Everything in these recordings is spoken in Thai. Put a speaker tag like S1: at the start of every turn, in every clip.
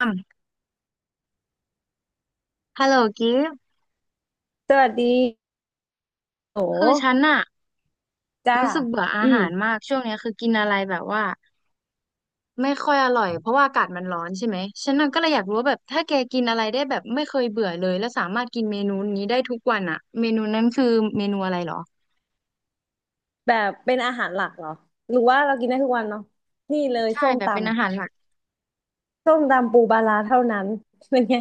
S1: อ่ำฮัลโหลกิฟต์
S2: สวัสดีโ
S1: คือฉั
S2: ห
S1: นอะ
S2: จ้า
S1: รู้สึกเบื่ออา
S2: อืม
S1: หารมากช่วงเนี้ยคือกินอะไรแบบว่าไม่ค่อยอร่อยเพราะว่าอากาศมันร้อนใช่ไหมฉันน่ะก็เลยอยากรู้ว่าแบบถ้าแกกินอะไรได้แบบไม่เคยเบื่อเลยแล้วสามารถกินเมนูนี้ได้ทุกวันอะเมนูนั้นคือเมนูอะไรเหรอ
S2: แบบเป็นอาหารหลักเหรอหรือว่าเรากินได้ทุกวันเนาะนี่เลย
S1: ใช่
S2: ส้ม
S1: แบบ
S2: ตำ
S1: เป็นอาหารหลัก
S2: ส้มตำปูปลาร้าเท่านั้นเป็นไง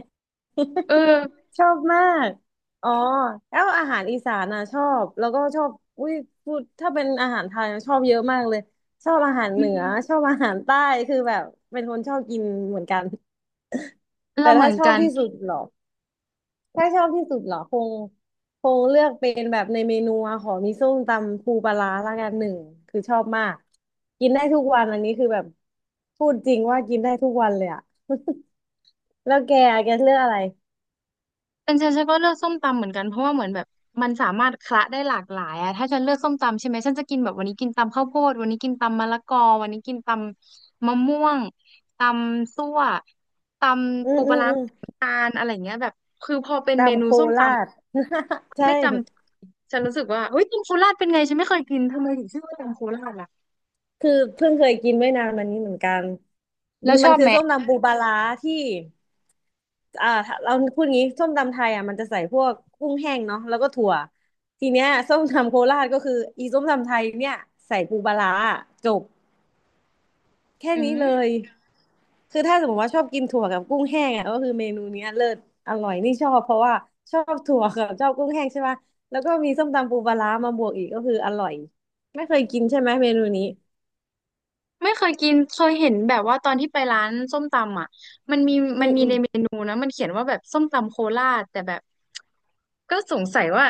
S1: เออ
S2: ชอบมากอ๋อแล้วอาหารอีสานอ่ะชอบแล้วก็ชอบอุ้ยพูดถ้าเป็นอาหารไทยอะชอบเยอะมากเลยชอบอาหาร
S1: อื
S2: เหนื
S1: ม
S2: อชอบอาหารใต้คือแบบเป็นคนชอบกินเหมือนกัน
S1: เรา
S2: แต่
S1: เหมื
S2: ถ้า
S1: อน
S2: ชอบ
S1: กัน
S2: ที่สุดเหรอ ถ้าชอบที่สุดเหรอคงเลือกเป็นแบบในเมนูอะขอมีส้มตำปูปลาร้าละกันหนึ่งคือชอบมากกินได้ทุกวันอันนี้คือแบบพูดจริงว่ากินได้ทุกวันเลยอะ แล้วแกอะแกเลือกอะไร
S1: เป็นฉันก็เลือกส้มตำเหมือนกันเพราะว่าเหมือนแบบมันสามารถคละได้หลากหลายอะถ้าฉันเลือกส้มตำใช่ไหมฉันจะกินแบบวันนี้กินตำข้าวโพดวันนี้กินตำมะละกอวันนี้กินตำมะม่วงตำซั่วต
S2: อื
S1: ำ
S2: ม
S1: ปูป
S2: อื
S1: ลา
S2: ม
S1: ร้า
S2: อืม
S1: น้ำตาลอะไรเงี้ยแบบคือพอเป็นเม
S2: ตำ
S1: นู
S2: โค
S1: ส้มต
S2: ราช
S1: ำมัน
S2: ใช่
S1: ไม่จำฉันรู้สึกว่าเฮ้ยตำโคราชเป็นไงฉันไม่เคยกินทำไมถึงชื่อว่าตำโคราชล่ะ
S2: คือเพิ่งเคยกินไม่นานมานี้เหมือนกัน
S1: แล้วช
S2: มัน
S1: อบ
S2: คื
S1: ไห
S2: อ
S1: ม
S2: ส้มตำปูปลาร้าที่อ่าเราพูดงี้ส้มตำไทยอ่ะมันจะใส่พวกกุ้งแห้งเนาะแล้วก็ถั่วทีเนี้ยส้มตำโคราชก็คืออีส้มตำไทยเนี่ยใส่ปูปลาร้าจบแค่
S1: อื
S2: นี้
S1: ม
S2: เลยคือถ้าสมมติว่าชอบกินถั่วกับกุ้งแห้งอ่ะก็คือเมนูเนี้ยเลิศอร่อยนี่ชอบเพราะว่าชอบถั่วกับชอบกุ้งแห้งใช่ป่ะแล้วก็มีส้มตำปูปลาร้ามาบวกอีกก็คืออร่อยไม่เคยกินใช่ไหมเมนูนี้
S1: ไม่เคยกินเคยเห็นแบบว่าตอนที่ไปร้านส้มตำอ่ะมันมี
S2: อื
S1: มันมีในเม
S2: ม
S1: นูนะมันเขียนว่าแบบส้มตำโคราชแต่แบบก็สงสัยว่า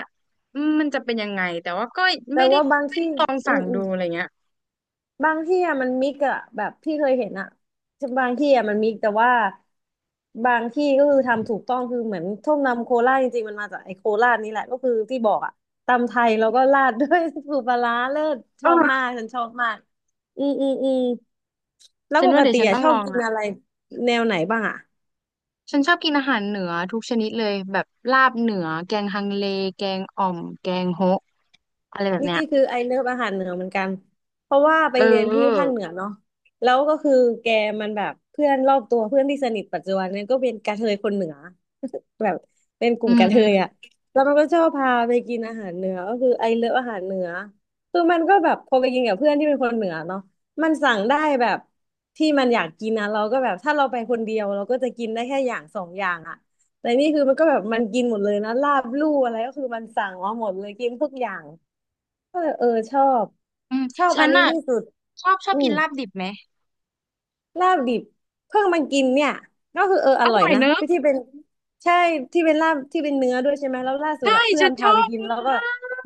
S1: อืมมันจะเป็นยังไงแต่ว่าก็
S2: แต่
S1: ไม่ได้
S2: ว่าบาง
S1: ไม่
S2: ที่
S1: ได้ลอง
S2: อื
S1: สั่ง
S2: มอื
S1: ดู
S2: ม
S1: อะไรเงี้ย
S2: บางที่อะมันมิกอะแบบพี่เคยเห็นอะบางที่อะมันมิกแต่ว่าบางที่ก็คือทำถูกต้องคือเหมือนส้มตำโคราชจริงๆมันมาจากไอ้โคราชนี่แหละก็คือที่บอกอะตำไทยแล้วก็ราดด้วย สูตรปลาร้าเลิศช
S1: เอ
S2: อบมา
S1: อ
S2: กฉันชอบมากอืมอืมอืมแล้ว
S1: ฉัน
S2: ป
S1: ว่า
S2: ก
S1: เดี๋ยว
S2: ติ
S1: ฉัน
S2: อะ
S1: ต้อง
S2: ชอ
S1: ล
S2: บ
S1: อง
S2: กิน
S1: ละ
S2: อะไรแนวไหนบ้างอะ
S1: ฉันชอบกินอาหารเหนือทุกชนิดเลยแบบลาบเหนือแกงฮังเลแกงอ่อมแกงโฮะอะไรแบบ
S2: นี่
S1: เนี้ย
S2: คือไอเลิฟอาหารเหนือเหมือนกันเพราะว่าไป
S1: เอ
S2: เรียนที่ภา
S1: อ
S2: คเหนือเนาะแล้วก็คือแกมันแบบเพื่อนรอบตัวเพื่อนที่สนิทปัจจุบันเนี่ยก็เป็นกระเทยคนเหนือแบบเป็นกลุ่
S1: อื
S2: มกระเท
S1: ม
S2: ยอะแล้วมันก็ชอบพาไปกินอาหารเหนือก็คือไอเลิฟอาหารเหนือคือมันก็แบบพอไปกินกับเพื่อนที่เป็นคนเหนือเนาะมันสั่งได้แบบที่มันอยากกินนะเราก็แบบถ้าเราไปคนเดียวเราก็จะกินได้แค่อย่างสองอย่างอะแต่นี่คือมันก็แบบมันกินหมดเลยนะลาบลู่อะไรก็คือมันสั่งมาหมดเลยกินทุกอย่าง เออเออชอบ
S1: อืม
S2: ชอบ
S1: ฉั
S2: อั
S1: น
S2: นนี้
S1: อ่ะ
S2: ที่สุด
S1: ชอบ
S2: อื
S1: กิน
S2: ม
S1: ลาบดิบไหม
S2: ลาบดิบเพิ่งมากินเนี่ยก็คือเอออ
S1: อ
S2: ร่อ
S1: ร่
S2: ย
S1: อย
S2: นะ
S1: เนอะ
S2: ไปที่เป็นใช่ที่เป็นลาบที่เป็นเนื้อด้วยใช่ไหมแล้วล่าสุด
S1: ใช่
S2: อะเพื่อ
S1: ฉั
S2: น
S1: นช
S2: พา
S1: อ
S2: ไป
S1: บ
S2: กิน
S1: ม
S2: แล้วก็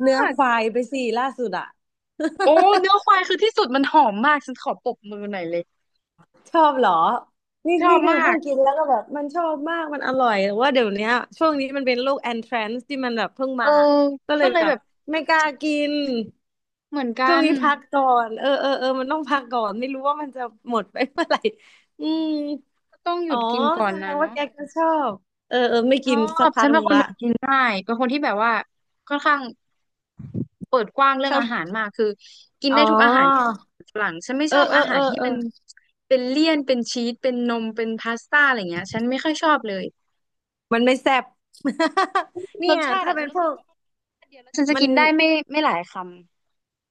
S2: เนื้อค
S1: ก
S2: วายไปส่ล่าสุดอะ
S1: โอ้เนื้อ ควายคือที่สุดมันหอมมากฉันขอปรบมือหน่อยเลย
S2: ชอบเหรอ นี่
S1: ชอ
S2: นี่
S1: บ
S2: คือ
S1: มา
S2: เพิ่
S1: ก
S2: งกินแล้วก็แบบมันชอบมากมันอร่อยแต่ว่าเดี๋ยวเนี้ยช่วงนี้มันเป็นโรคแอนทรนซ์ที่มันแบบเพิ่ง
S1: เอ
S2: มา
S1: อ
S2: ก็เล
S1: ก็
S2: ย
S1: เลย
S2: แบ
S1: แบ
S2: บ
S1: บ
S2: ไม่กล้ากิน
S1: เหมือน
S2: ช่
S1: กั
S2: วง
S1: น
S2: นี้พักก่อนเออเออเออมันต้องพักก่อนไม่รู้ว่ามันจะหมดไปเมื่อไหร่อืม
S1: ก็ต้องห
S2: อ๋
S1: ยุ
S2: อ
S1: ดกินก่อ
S2: แส
S1: น
S2: ด
S1: นะ
S2: งว่า
S1: เนาะ
S2: แกก็ชอบเออเออไม่
S1: ช
S2: กิ
S1: อ
S2: นสัก
S1: บ
S2: พั
S1: ฉัน
S2: กห
S1: เป็น
S2: นึ่ง
S1: คน
S2: ละ
S1: แบบกินง่ายเป็นคนที่แบบว่าค่อนข้างเปิดกว้างเรื่
S2: ช
S1: อง
S2: อบ
S1: อาหารมากคือกิน
S2: อ๋อ
S1: ได้ทุกอาหารฝรั่งฉันไม่
S2: เอ
S1: ช
S2: อ
S1: อบ
S2: เออ
S1: อาหา
S2: เอ
S1: ร
S2: อ
S1: ที่
S2: เออ
S1: มันเป็นเลี่ยนเป็นชีสเป็นนมเป็นพาสต้าอะไรเงี้ยฉันไม่ค่อยชอบเลย
S2: มันไม่แซ่บ เนี่
S1: รส
S2: ย
S1: ชาติ
S2: ถ้า
S1: อะ
S2: เป็
S1: ฉั
S2: น
S1: น
S2: พ
S1: รู้
S2: ว
S1: สึก
S2: ก
S1: ว่ามันรสชาติเดียวแล้วฉันจะ
S2: มัน
S1: กินได้ไม่ไม่หลายคำ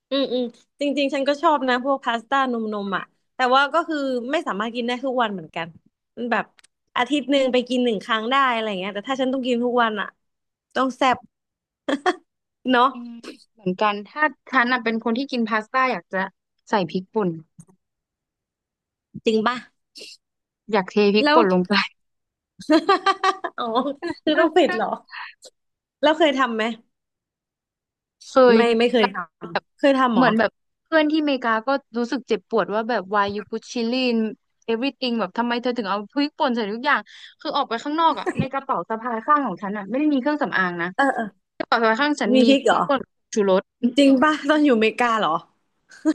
S2: อืมอืมจริงๆฉันก็ชอบนะพวกพาสต้านมอ่ะแต่ว่าก็คือไม่สามารถกินได้ทุกวันเหมือนกันมันแบบอาทิตย์หนึ่งไปกินหนึ่งครั้งได้อะไรเงี้ยแต่ถ้าฉันต้องกินทุกวันอ่ะต้องแซ่บเนาะ
S1: อืมเหมือนกันถ้าฉันน่ะเป็นคนที่กินพาสต้าอยากจะใส่พริกป่น
S2: จริงป่ะ
S1: อยากเทพริก
S2: แล้ว
S1: ป่นลงไป
S2: อ๋อคือต้องเผ็ดเหรอ แล้วเคยทำไหม
S1: เคย
S2: ไม่เค
S1: แต่
S2: ยท
S1: แบบ
S2: ำเคยทำเห
S1: เห
S2: รอ
S1: มือนแบบเพื่อนที่อเมริกาก็รู้สึกเจ็บปวดว่าแบบ why you put chili in everything แบบทำไมเธอถึงเอาพริกป่นใส่ทุกอย่างคือออกไปข้างนอกอ่ะในกระเป๋าสะพายข้างของฉันอ่ะไม่ได้มีเครื่องสำอางนะ
S2: เออเออ
S1: กระเป๋าสะพายข้างฉัน
S2: มี
S1: มี
S2: พริก
S1: พ
S2: เหร
S1: ริก
S2: อ
S1: ป่นชูรส
S2: จริง ป่ะตอนอยู่อเมริกาเหรอ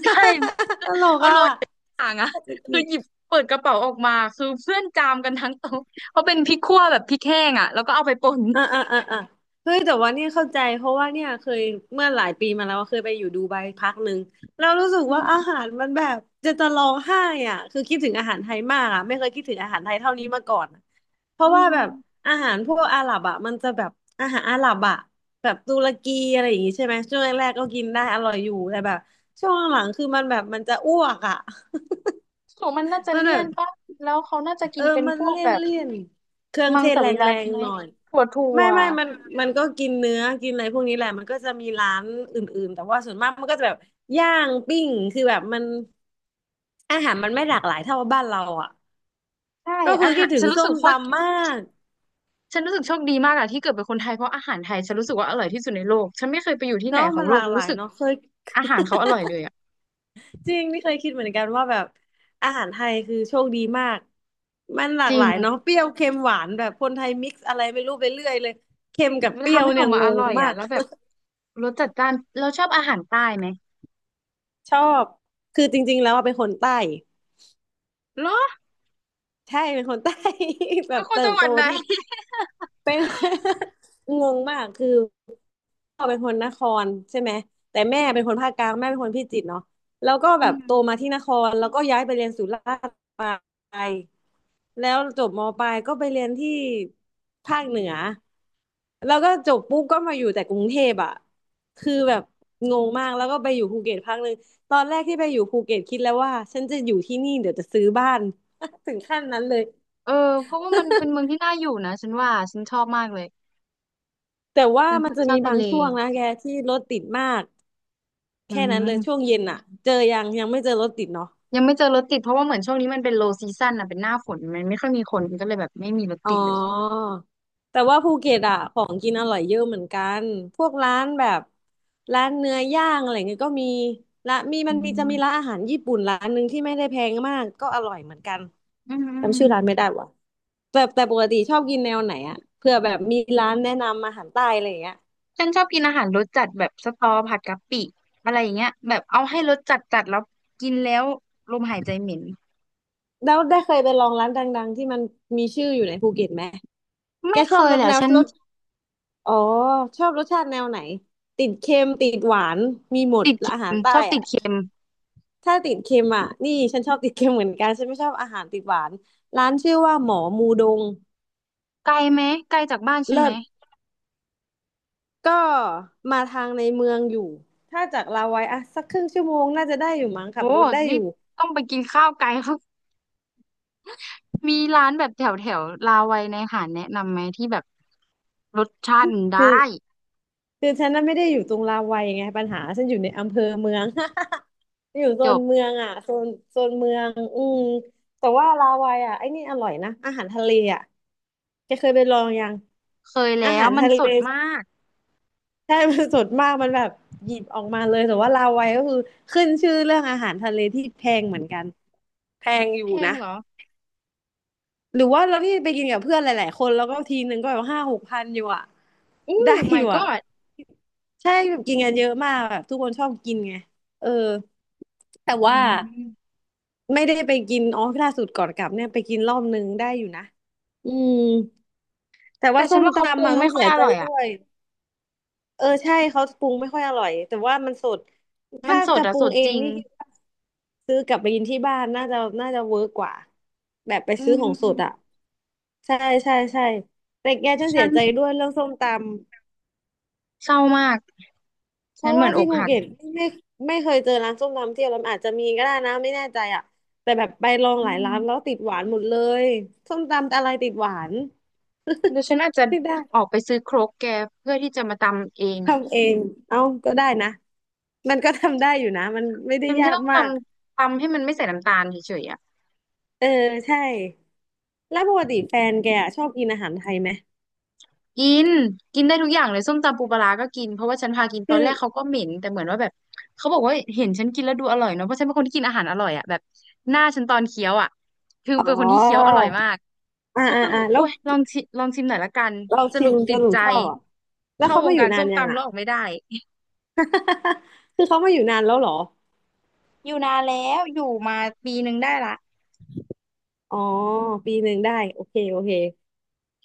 S1: ใช่
S2: ตลก
S1: เอาโร
S2: อ่ะ
S1: ยต่ข้างหลังอะคือหยิบเปิดกระเป๋าออกมาคือเพื่อนจามกันทั้งโต๊ะเพราะเป็นพริกขั่วแบบพริกแห้งอะแล้วก็เอาไปป่น
S2: อ่าอ่าอ่าอ่าเฮ้ยแต่ว่าเนี่ยเข้าใจเพราะว่าเนี่ยเคยเมื่อหลายปีมาแล้วเคยไปอยู่ดูไบพักหนึ่งแล้วรู้สึกว่าอา
S1: อืม
S2: หารมันแบบจะร้องไห้อ่ะคือคิดถึงอาหารไทยมากอ่ะไม่เคยคิดถึงอาหารไทยเท่านี้มาก่อนเพ
S1: อ
S2: ราะว่าแบบ
S1: ม
S2: อาหารพวกอาหรับอ่ะมันจะแบบอาหารอาหรับอ่ะแบบตุรกีอะไรอย่างงี้ใช่ไหมช่วงแรกๆก็กินได้อร่อยอยู่แต่แบบช่วงหลังๆคือมันแบบมันจะอ้วกอ่ะ
S1: ของมันน่าจะ
S2: มันแบ
S1: เลี่ยน
S2: บ
S1: ปะแล้วเขาน่าจะ
S2: เอ
S1: กิ
S2: อ
S1: นเป็น
S2: มั
S1: พ
S2: น
S1: วก
S2: เลี่ย
S1: แบ
S2: น
S1: บ
S2: เลี่ยนเครื่อง
S1: มั
S2: เท
S1: งส
S2: ศแร
S1: วิรัติ
S2: ง
S1: ไหม
S2: ๆหน่อย
S1: ถั่วถั่ว
S2: ไม่มันมันก็กินเนื้อกินอะไรพวกนี้แหละมันก็จะมีร้านอื่นๆแต่ว่าส่วนมากมันก็จะแบบย่างปิ้งคือแบบมันอาหารมันไม่หลากหลายเท่าบ้านเราอ่ะ
S1: ใช่
S2: ก็คื
S1: อา
S2: อ
S1: หา
S2: คิด
S1: ร
S2: ถึ
S1: ฉั
S2: ง
S1: นรู้
S2: ส้
S1: สึก
S2: ม
S1: โคตร
S2: ตำมาก
S1: ฉันรู้สึกโชคดีมากอะที่เกิดเป็นคนไทยเพราะอาหารไทยฉันรู้สึกว่าอร่อยที่สุดในโลกฉันไม่เคยไปอยู่ที่ไหน
S2: เนาะ
S1: ขอ
S2: มั
S1: ง
S2: น
S1: โล
S2: ห
S1: ก
S2: ลากหลา
S1: รู้
S2: ย
S1: สึก
S2: เนาะเคย
S1: อาหารเขาอร่อยเลยอะ
S2: จริงนี่เคยคิดเหมือนกันว่าแบบอาหารไทยคือโชคดีมากมันหลา
S1: จ
S2: ก
S1: ริ
S2: ห
S1: ง
S2: ลายเนาะเปรี้ยวเค็มหวานแบบคนไทยมิกซ์อะไรไม่รู้ไปเรื่อยเลยเค็มกับ
S1: มัน
S2: เปรี้ย
S1: ทำ
S2: ว
S1: ให้อ
S2: เนี่
S1: อ
S2: ย
S1: กมา
S2: ง
S1: อ
S2: ง
S1: ร่อย
S2: มา
S1: อะ
S2: ก
S1: แล้วแบบรสจัดจ้านเราชอบอาหารใต้ไหม
S2: ชอบ คือจริงๆแล้วอะเป็นคนใต้
S1: เหรอ
S2: ใช่ เป็นคนใต้ แบ
S1: เป็
S2: บ
S1: นคน
S2: เติ
S1: จั
S2: บ
S1: งห
S2: โต
S1: วัดไหน
S2: ที่ เป็น งงมากคือ พ่อเป็นคนนครใช่ไหมแต่แม่เป็นคนภาคกลางแม่เป็นคนพิจิตรเนาะแล้วก็แบ
S1: อื
S2: บโต
S1: ม
S2: มาที่นครแล้วก็ย้ายไปเรียนสุราษฎร์ไปแล้วจบมปลายก็ไปเรียนที่ภาคเหนือแล้วก็จบปุ๊บก็มาอยู่แต่กรุงเทพอ่ะคือแบบงงมากแล้วก็ไปอยู่ภูเก็ตพักหนึ่งตอนแรกที่ไปอยู่ภูเก็ตคิดแล้วว่าฉันจะอยู่ที่นี่เดี๋ยวจะซื้อบ้าน ถึงขั้นนั้นเลย
S1: เออเพราะว่ามันเป็นเมืองที่น่าอยู่นะฉันว่าฉันชอบมากเลย
S2: แต่ว่า
S1: เป็นค
S2: มัน
S1: น
S2: จะ
S1: ชอ
S2: มี
S1: บทะ
S2: บาง
S1: เล
S2: ช่วงนะแกที่รถติดมาก
S1: อื
S2: แค่นั้นเลยช่วง
S1: ม
S2: เย็นอ่ะเจอยังยังไม่เจอรถติดเนาะ
S1: ยังไม่เจอรถติดเพราะว่าเหมือนช่วงนี้มันเป็น low season อ่ะเป็นหน้าฝนมันไม่ค่อยมีคนก็เลยแบบไม่มีรถ
S2: อ๋อ
S1: ติดเลย
S2: แต่ว่าภูเก็ตอะของกินอร่อยเยอะเหมือนกันพวกร้านแบบร้านเนื้อย่างอะไรเงี้ยก็มีละมี
S1: อื
S2: มันมีจะมีร้าน
S1: ม
S2: อาหารญี่ปุ่นร้านหนึ่งที่ไม่ได้แพงมากก็อร่อยเหมือนกัน
S1: อืมอืม
S2: จำชื่อร้านไม่ได้ว่ะแต่ปกติชอบกินแนวไหนอะเผื่อแบบมีร้านแนะนำอาหารใต้อะไรอย่างเงี้ย
S1: ฉันชอบกินอาหารรสจัดแบบสตอผัดกะปิอะไรอย่างเงี้ยแบบเอาให้รสจัดจัดแล้วกินแล้วลมหายใจเหม็น
S2: แล้วได้เคยไปลองร้านดังๆที่มันมีชื่ออยู่ในภูเก็ตไหมแก
S1: ไม่
S2: ช
S1: เค
S2: อบ
S1: ย
S2: ร
S1: แห
S2: ส
S1: ละ
S2: แนว
S1: ฉัน
S2: รส อ๋อชอบรสชาติแนวไหนติดเค็มติดหวานมีหมด
S1: ติด
S2: และ
S1: เค็
S2: อาหา
S1: ม
S2: รใต้
S1: ชอบติด
S2: อ่ะ
S1: เค็ม
S2: ถ้าติดเค็มอ่ะนี่ฉันชอบติดเค็มเหมือนกันฉันไม่ชอบอาหารติดหวานร้านชื่อว่าหมอมูดง
S1: ไกลไหมไกลจากบ้านฉัน
S2: เลิ
S1: ไหม
S2: ศก็มาทางในเมืองอยู่ถ้าจากลาวัยอ่ะสักครึ่งชั่วโมงน่าจะได้อยู่มั้งขั
S1: โอ้
S2: บรถได้อ
S1: นี่
S2: ยู่
S1: ต้องไปกินข้าวไกล เขา มีร้านแบบแถวแถวลาวัยในหาดแนะนำไหมที่แบบรสชาติมันได้
S2: คือ คือฉันน่ะไม่ได้อยู่ตรงราวัยไงปัญหาฉันอยู่ในอำเภอเมือง อยู่โซ
S1: จ
S2: น
S1: บ
S2: เมืองอ่ะโซนเมืองอืมแต่ว่าราวัยอ่ะไอ้นี่อร่อยนะอาหารทะเลอ่ะแกเคยไปลองยัง
S1: เคย
S2: อา
S1: แล้
S2: หา
S1: ว
S2: ร
S1: มัน
S2: ทะเล
S1: สดมาก
S2: ใช่มันสดมากมันแบบหยิบออกมาเลยแต่ว่าราวัยก็คือขึ้นชื่อเรื่องอาหารทะเลที่แพงเหมือนกันแพงอยู่
S1: แพง
S2: นะ
S1: เหรอ
S2: หรือว่าเราที่ไปกินกับเพื่อนหลายๆคนแล้วก็ทีนึงก็แบบ5,000-6,000อยู่อ่ะ
S1: อู้
S2: ได้อ
S1: my
S2: ยู่อ่ะ
S1: god
S2: ใช่แบบกินกันเยอะมากแบบทุกคนชอบกินไงเออแต่
S1: อื
S2: ว่า
S1: ม
S2: ไม่ได้ไปกินอ๋อล่าสุดก่อนกลับเนี่ยไปกินรอบนึงได้อยู่นะอืมแต่
S1: แต่
S2: ว่า
S1: ฉั
S2: ส้
S1: น
S2: ม
S1: ว่าเขาปรุ
S2: ตำ
S1: ง
S2: มาต้
S1: ไม่
S2: อง
S1: ค่อ
S2: เสี
S1: ย
S2: ย
S1: อ
S2: ใจ
S1: ร่อย
S2: ด้
S1: อ่ะ
S2: วยเออใช่เขาปรุงไม่ค่อยอร่อยแต่ว่ามันสด
S1: มัน
S2: ถ้า
S1: สด
S2: จะป
S1: อ่ะ
S2: รุ
S1: ส
S2: ง
S1: ด
S2: เอ
S1: จ
S2: ง
S1: ริง
S2: นี่คิดว่าซื้อกลับไปกินที่บ้านน่าจะน่าจะเวิร์กกว่าแบบไป
S1: อื
S2: ซื้อของสดอ่ะ
S1: ม
S2: ใช่ใช่ใช่แต่แกฉันเสี
S1: ฉั
S2: ย
S1: น
S2: ใจด้วยเรื่องส้มตำ
S1: เศร้ามาก
S2: เพ
S1: ฉัน
S2: ราะ
S1: เหมื
S2: ว่า
S1: อนอ
S2: ที่
S1: ก
S2: ภู
S1: หัก
S2: เก็ตไม่ไม่เคยเจอร้านส้มตำที่อร่อยอาจจะมีก็ได้นะไม่แน่ใจอ่ะแต่แบบไปลอง
S1: อื
S2: หลายร้านแล้ว
S1: ม
S2: ติดหวานหมดเลยส้มตำอะไรติดหวาน
S1: เดี๋ยวฉันอาจจะ
S2: ไม่
S1: ออ
S2: ได้
S1: กไปซื้อโครกแกเพื่อที่จะมาตำเอง
S2: ทำเองเอาก็ได้นะมันก็ทำได้อยู่นะมันไม่ได้
S1: ฉันก็
S2: ยาก
S1: ต้องท
S2: มาก
S1: ำตำให้มันไม่ใส่น้ำตาลเฉยๆอ่ะ
S2: เออใช่แล้วปกติแฟนแกอะชอบกินอาหารไทยไหม
S1: กินกินได้ทุกอย่างเลยส้มตำปูปลาร้าก็กินเพราะว่าฉันพากินตอ
S2: คื
S1: น
S2: อ
S1: แรกเขาก็เหม็นแต่เหมือนว่าแบบเขาบอกว่าเห็นฉันกินแล้วดูอร่อยเนาะเพราะฉันเป็นคนที่กินอาหารอร่อยอ่ะแบบหน้าฉันตอนเคี้ยวอ่ะคือ
S2: อ๋อ
S1: เป็นคนที่เคี้ยวอร่อยมาก
S2: อ่า
S1: เขา
S2: อ่า
S1: ก็เลย
S2: อ่า
S1: บอก
S2: แล้
S1: โอ้
S2: ว
S1: ยลองชิลองชิมหน่อยละกัน
S2: เรา
S1: ส
S2: ชิ
S1: รุป
S2: มจ
S1: ติด
S2: นหนู
S1: ใจ
S2: ชอบเหรอ่ะแล้ว
S1: เข้า
S2: เขา
S1: ว
S2: มา
S1: ง
S2: อยู่
S1: การ
S2: นา
S1: ส้
S2: น
S1: ม
S2: ยัง
S1: ตำแล้
S2: อ่ะ
S1: วออกไม่ได้
S2: คือเขามาอยู่นานแล้วเหรอ
S1: อยู่นานแล้วอยู่มาปีหนึ่งได้ละ
S2: อ๋อ1 ปีได้โอเคโอเค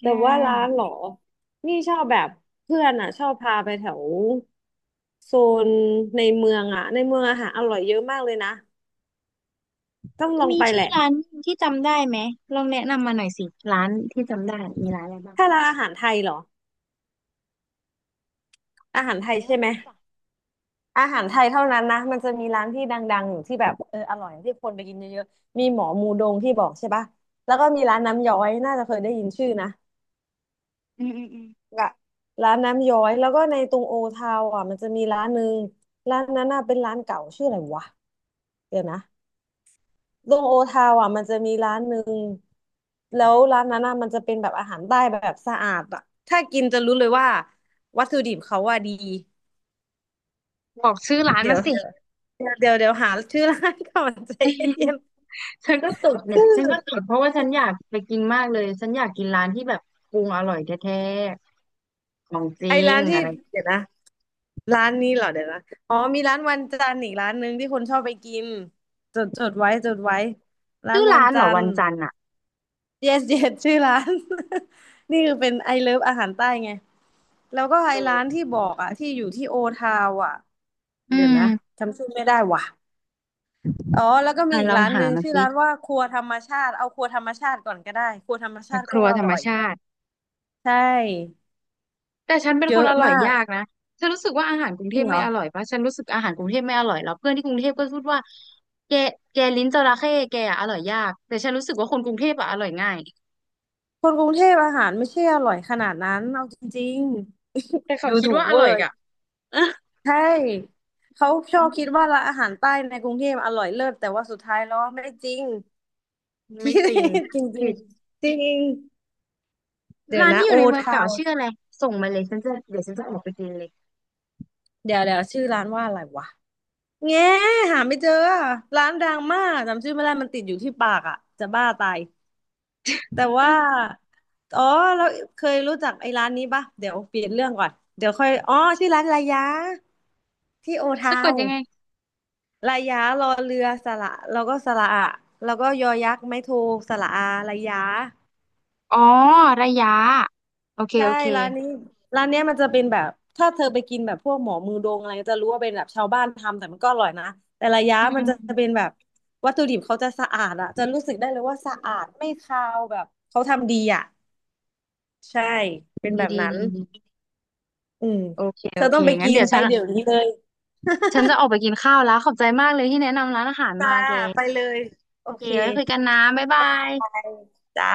S1: ใช
S2: แต่ว่าร้านเห
S1: ่
S2: รอนี่ชอบแบบเพื่อนอ่ะชอบพาไปแถวโซนในเมืองอ่ะในเมืองอาหารอร่อยเยอะมากเลยนะต้องลอง
S1: มี
S2: ไป
S1: ชื่
S2: แห
S1: อ
S2: ละ
S1: ร้านที่จำได้ไหมลองแนะนำมาหน่อยสิร้านที่จำได้มีร้านอะไรบ้าง
S2: ถ้าร้านอาหารไทยเหรออา
S1: อา
S2: หา
S1: หา
S2: ร
S1: ร
S2: ไท
S1: ไท
S2: ย
S1: ย
S2: ใช่
S1: เท่า
S2: ไหม
S1: นั้นจ้ะ
S2: อาหารไทยเท่านั้นนะมันจะมีร้านที่ดังๆอยู่ที่แบบเอออร่อยที่คนไปกินเยอะๆมีหมอมูดงที่บอกใช่ปะแล้วก็มีร้านน้ำย้อยน่าจะเคยได้ยินชื่อนะ
S1: อืมอืมอืม
S2: ละร้านน้ำย้อยแล้วก็ในตรงโอทาวอ่ะมันจะมีร้านหนึ่งร้านนั้นน่ะเป็นร้านเก่าชื่ออะไรวะเดี๋ยวนะตรงโอทาวอ่ะมันจะมีร้านหนึ่งแล้วร้านนั้นน่ะมันจะเป็นแบบอาหารใต้แบบสะอาดอ่ะถ้ากินจะรู้เลยว่าวัตถุดิบเขาว่าดี
S1: บอกชื่อร้าน
S2: เดี๋
S1: มา
S2: ยว
S1: สิ
S2: เดี๋ยวเดี๋ยวเดี๋ยวเดี๋ยวหาชื่อร้านก่อน ใจเย็น
S1: ฉันก็จด
S2: ๆ
S1: เนี่ย
S2: ชื่อ
S1: ฉันก็จดเพราะว่าฉันอยากไปกินมากเลย ฉันอยากกินร้านที่แบบปรุงอร่อยแท้ๆของจ
S2: ไอ้
S1: ริง
S2: ร้านที่
S1: อะไร
S2: เดี๋ยวนะ ร้านนี้เหรอเดี๋ยวนะอ๋อมีร้านวันจันทร์อีกร้านหนึ่งที่คนชอบไปกินจดจดไว้จดไว้ร้าน
S1: ชื่อ
S2: วัน
S1: ร้านเหร
S2: จั
S1: อ
S2: น
S1: วั
S2: ท
S1: น
S2: ร์
S1: จันทร์อ่ะ
S2: yes yes ชื่อร้าน นี่คือเป็นไอเลิฟอาหารใต้ไงแล้วก็ไอ
S1: เอ
S2: ร้า
S1: อ
S2: นที่บอกอ่ะที่อยู่ที่โอทาวอ่ะ
S1: อื
S2: เดี๋ยว
S1: ม
S2: นะจำชื่อไม่ได้ว่ะอ๋อแล้วก็มี
S1: อ่ะ
S2: อี
S1: ล
S2: ก
S1: อง
S2: ร้านห
S1: หา
S2: นึ่ง
S1: มา
S2: ชื่อ
S1: สิ
S2: ร้านว่าครัวธรรมชาติเอาครัวธรรมชาติก่อนก็ได้ครัวธรรมชาติ
S1: ค
S2: ก็
S1: รัว
S2: อ
S1: ธรร
S2: ร่
S1: ม
S2: อย
S1: ชาติ
S2: ใช่
S1: แต่ฉันเป็น
S2: เย
S1: คน
S2: อะ
S1: อร่อย
S2: มาก
S1: ยากนะฉันรู้สึกว่าอาหารกรุง
S2: จ
S1: เท
S2: ริ
S1: พ
S2: งเหร
S1: ไม่
S2: อ
S1: อร่อยปะฉันรู้สึกอาหารกรุงเทพไม่อร่อยแล้วเพื่อนที่กรุงเทพก็พูดว่าแกแกลิ้นจระเข้แกอะอร่อยยากแต่ฉันรู้สึกว่าคนกรุงเทพอะอร่อยง่าย
S2: คนกรุงเทพอาหารไม่ใช่อร่อยขนาดนั้นเอาจริง
S1: แต่
S2: ๆ
S1: เขา
S2: ดู
S1: คิด
S2: ถูก
S1: ว่าอ
S2: เวอ
S1: ร่อย
S2: ร์
S1: อะ
S2: ใช่เขาชอบคิดว่าร้านอาหารใต้ในกรุงเทพอร่อยเลิศแต่ว่าสุดท้ายแล้วไม่จริงที่
S1: ไม่จริง
S2: จริงจริงจริงเดี๋ยว
S1: ร้าน
S2: นะ
S1: ที่อ
S2: โอ
S1: ยู่ในเมือง
S2: ทา
S1: เก่า
S2: ว
S1: ชื่ออะไรส่งมาเลยฉันจะออกไปกินเลย
S2: เดี๋ยวเดี๋ยวชื่อร้านว่าอะไรวะแง่หาไม่เจอร้านดังมากจำชื่อไม่ได้มันติดอยู่ที่ปากอ่ะจะบ้าตาย แต่ว่าอ๋อแล้วเคยรู้จักไอ้ร้านนี้ปะเดี๋ยวเปลี่ยนเรื่องก่อนเดี๋ยวค่อยอ๋อชื่อร้านลายาที่โอทา
S1: สะกด
S2: ว
S1: ยั
S2: น์
S1: งไง
S2: ลายารอเรือสระแล้วก็สระอะแล้วก็ยอยักษ์ไม้โทสระอาลายา
S1: อ๋อระยะโอเค
S2: ใช่
S1: โอเค
S2: ร้านนี้ร้านเนี้ยมันจะเป็นแบบถ้าเธอไปกินแบบพวกหมอมือโดงอะไรจะรู้ว่าเป็นแบบชาวบ้านทำแต่มันก็อร่อยนะแต่ระยะ
S1: อืม
S2: มั
S1: อื
S2: น
S1: ม
S2: จะเป็นแบบวัตถุดิบเขาจะสะอาดอะจะรู้สึกได้เลยว่าสะอาดไม่คาวแบบเขาทำดีอะใช่เป็น
S1: ดี
S2: แบบ
S1: ดี
S2: นั้น
S1: ดีดี
S2: อืม
S1: โอเค
S2: เธ
S1: โอ
S2: อ
S1: เค
S2: ต้องไป
S1: งั้น
S2: กิน
S1: เดี๋ยว
S2: ไป
S1: ฉัน
S2: เดี๋ยวนี้เลย
S1: ฉันจะออกไปกินข้าวแล้วขอบใจมากเลยที่แนะนำร้านอาหาร
S2: จ้า
S1: มาแก
S2: ไปเลยโอ
S1: โอเค
S2: เค
S1: ไว้คุยกันนะบ๊ายบา
S2: บ๊ายบา
S1: ย
S2: ยจ้า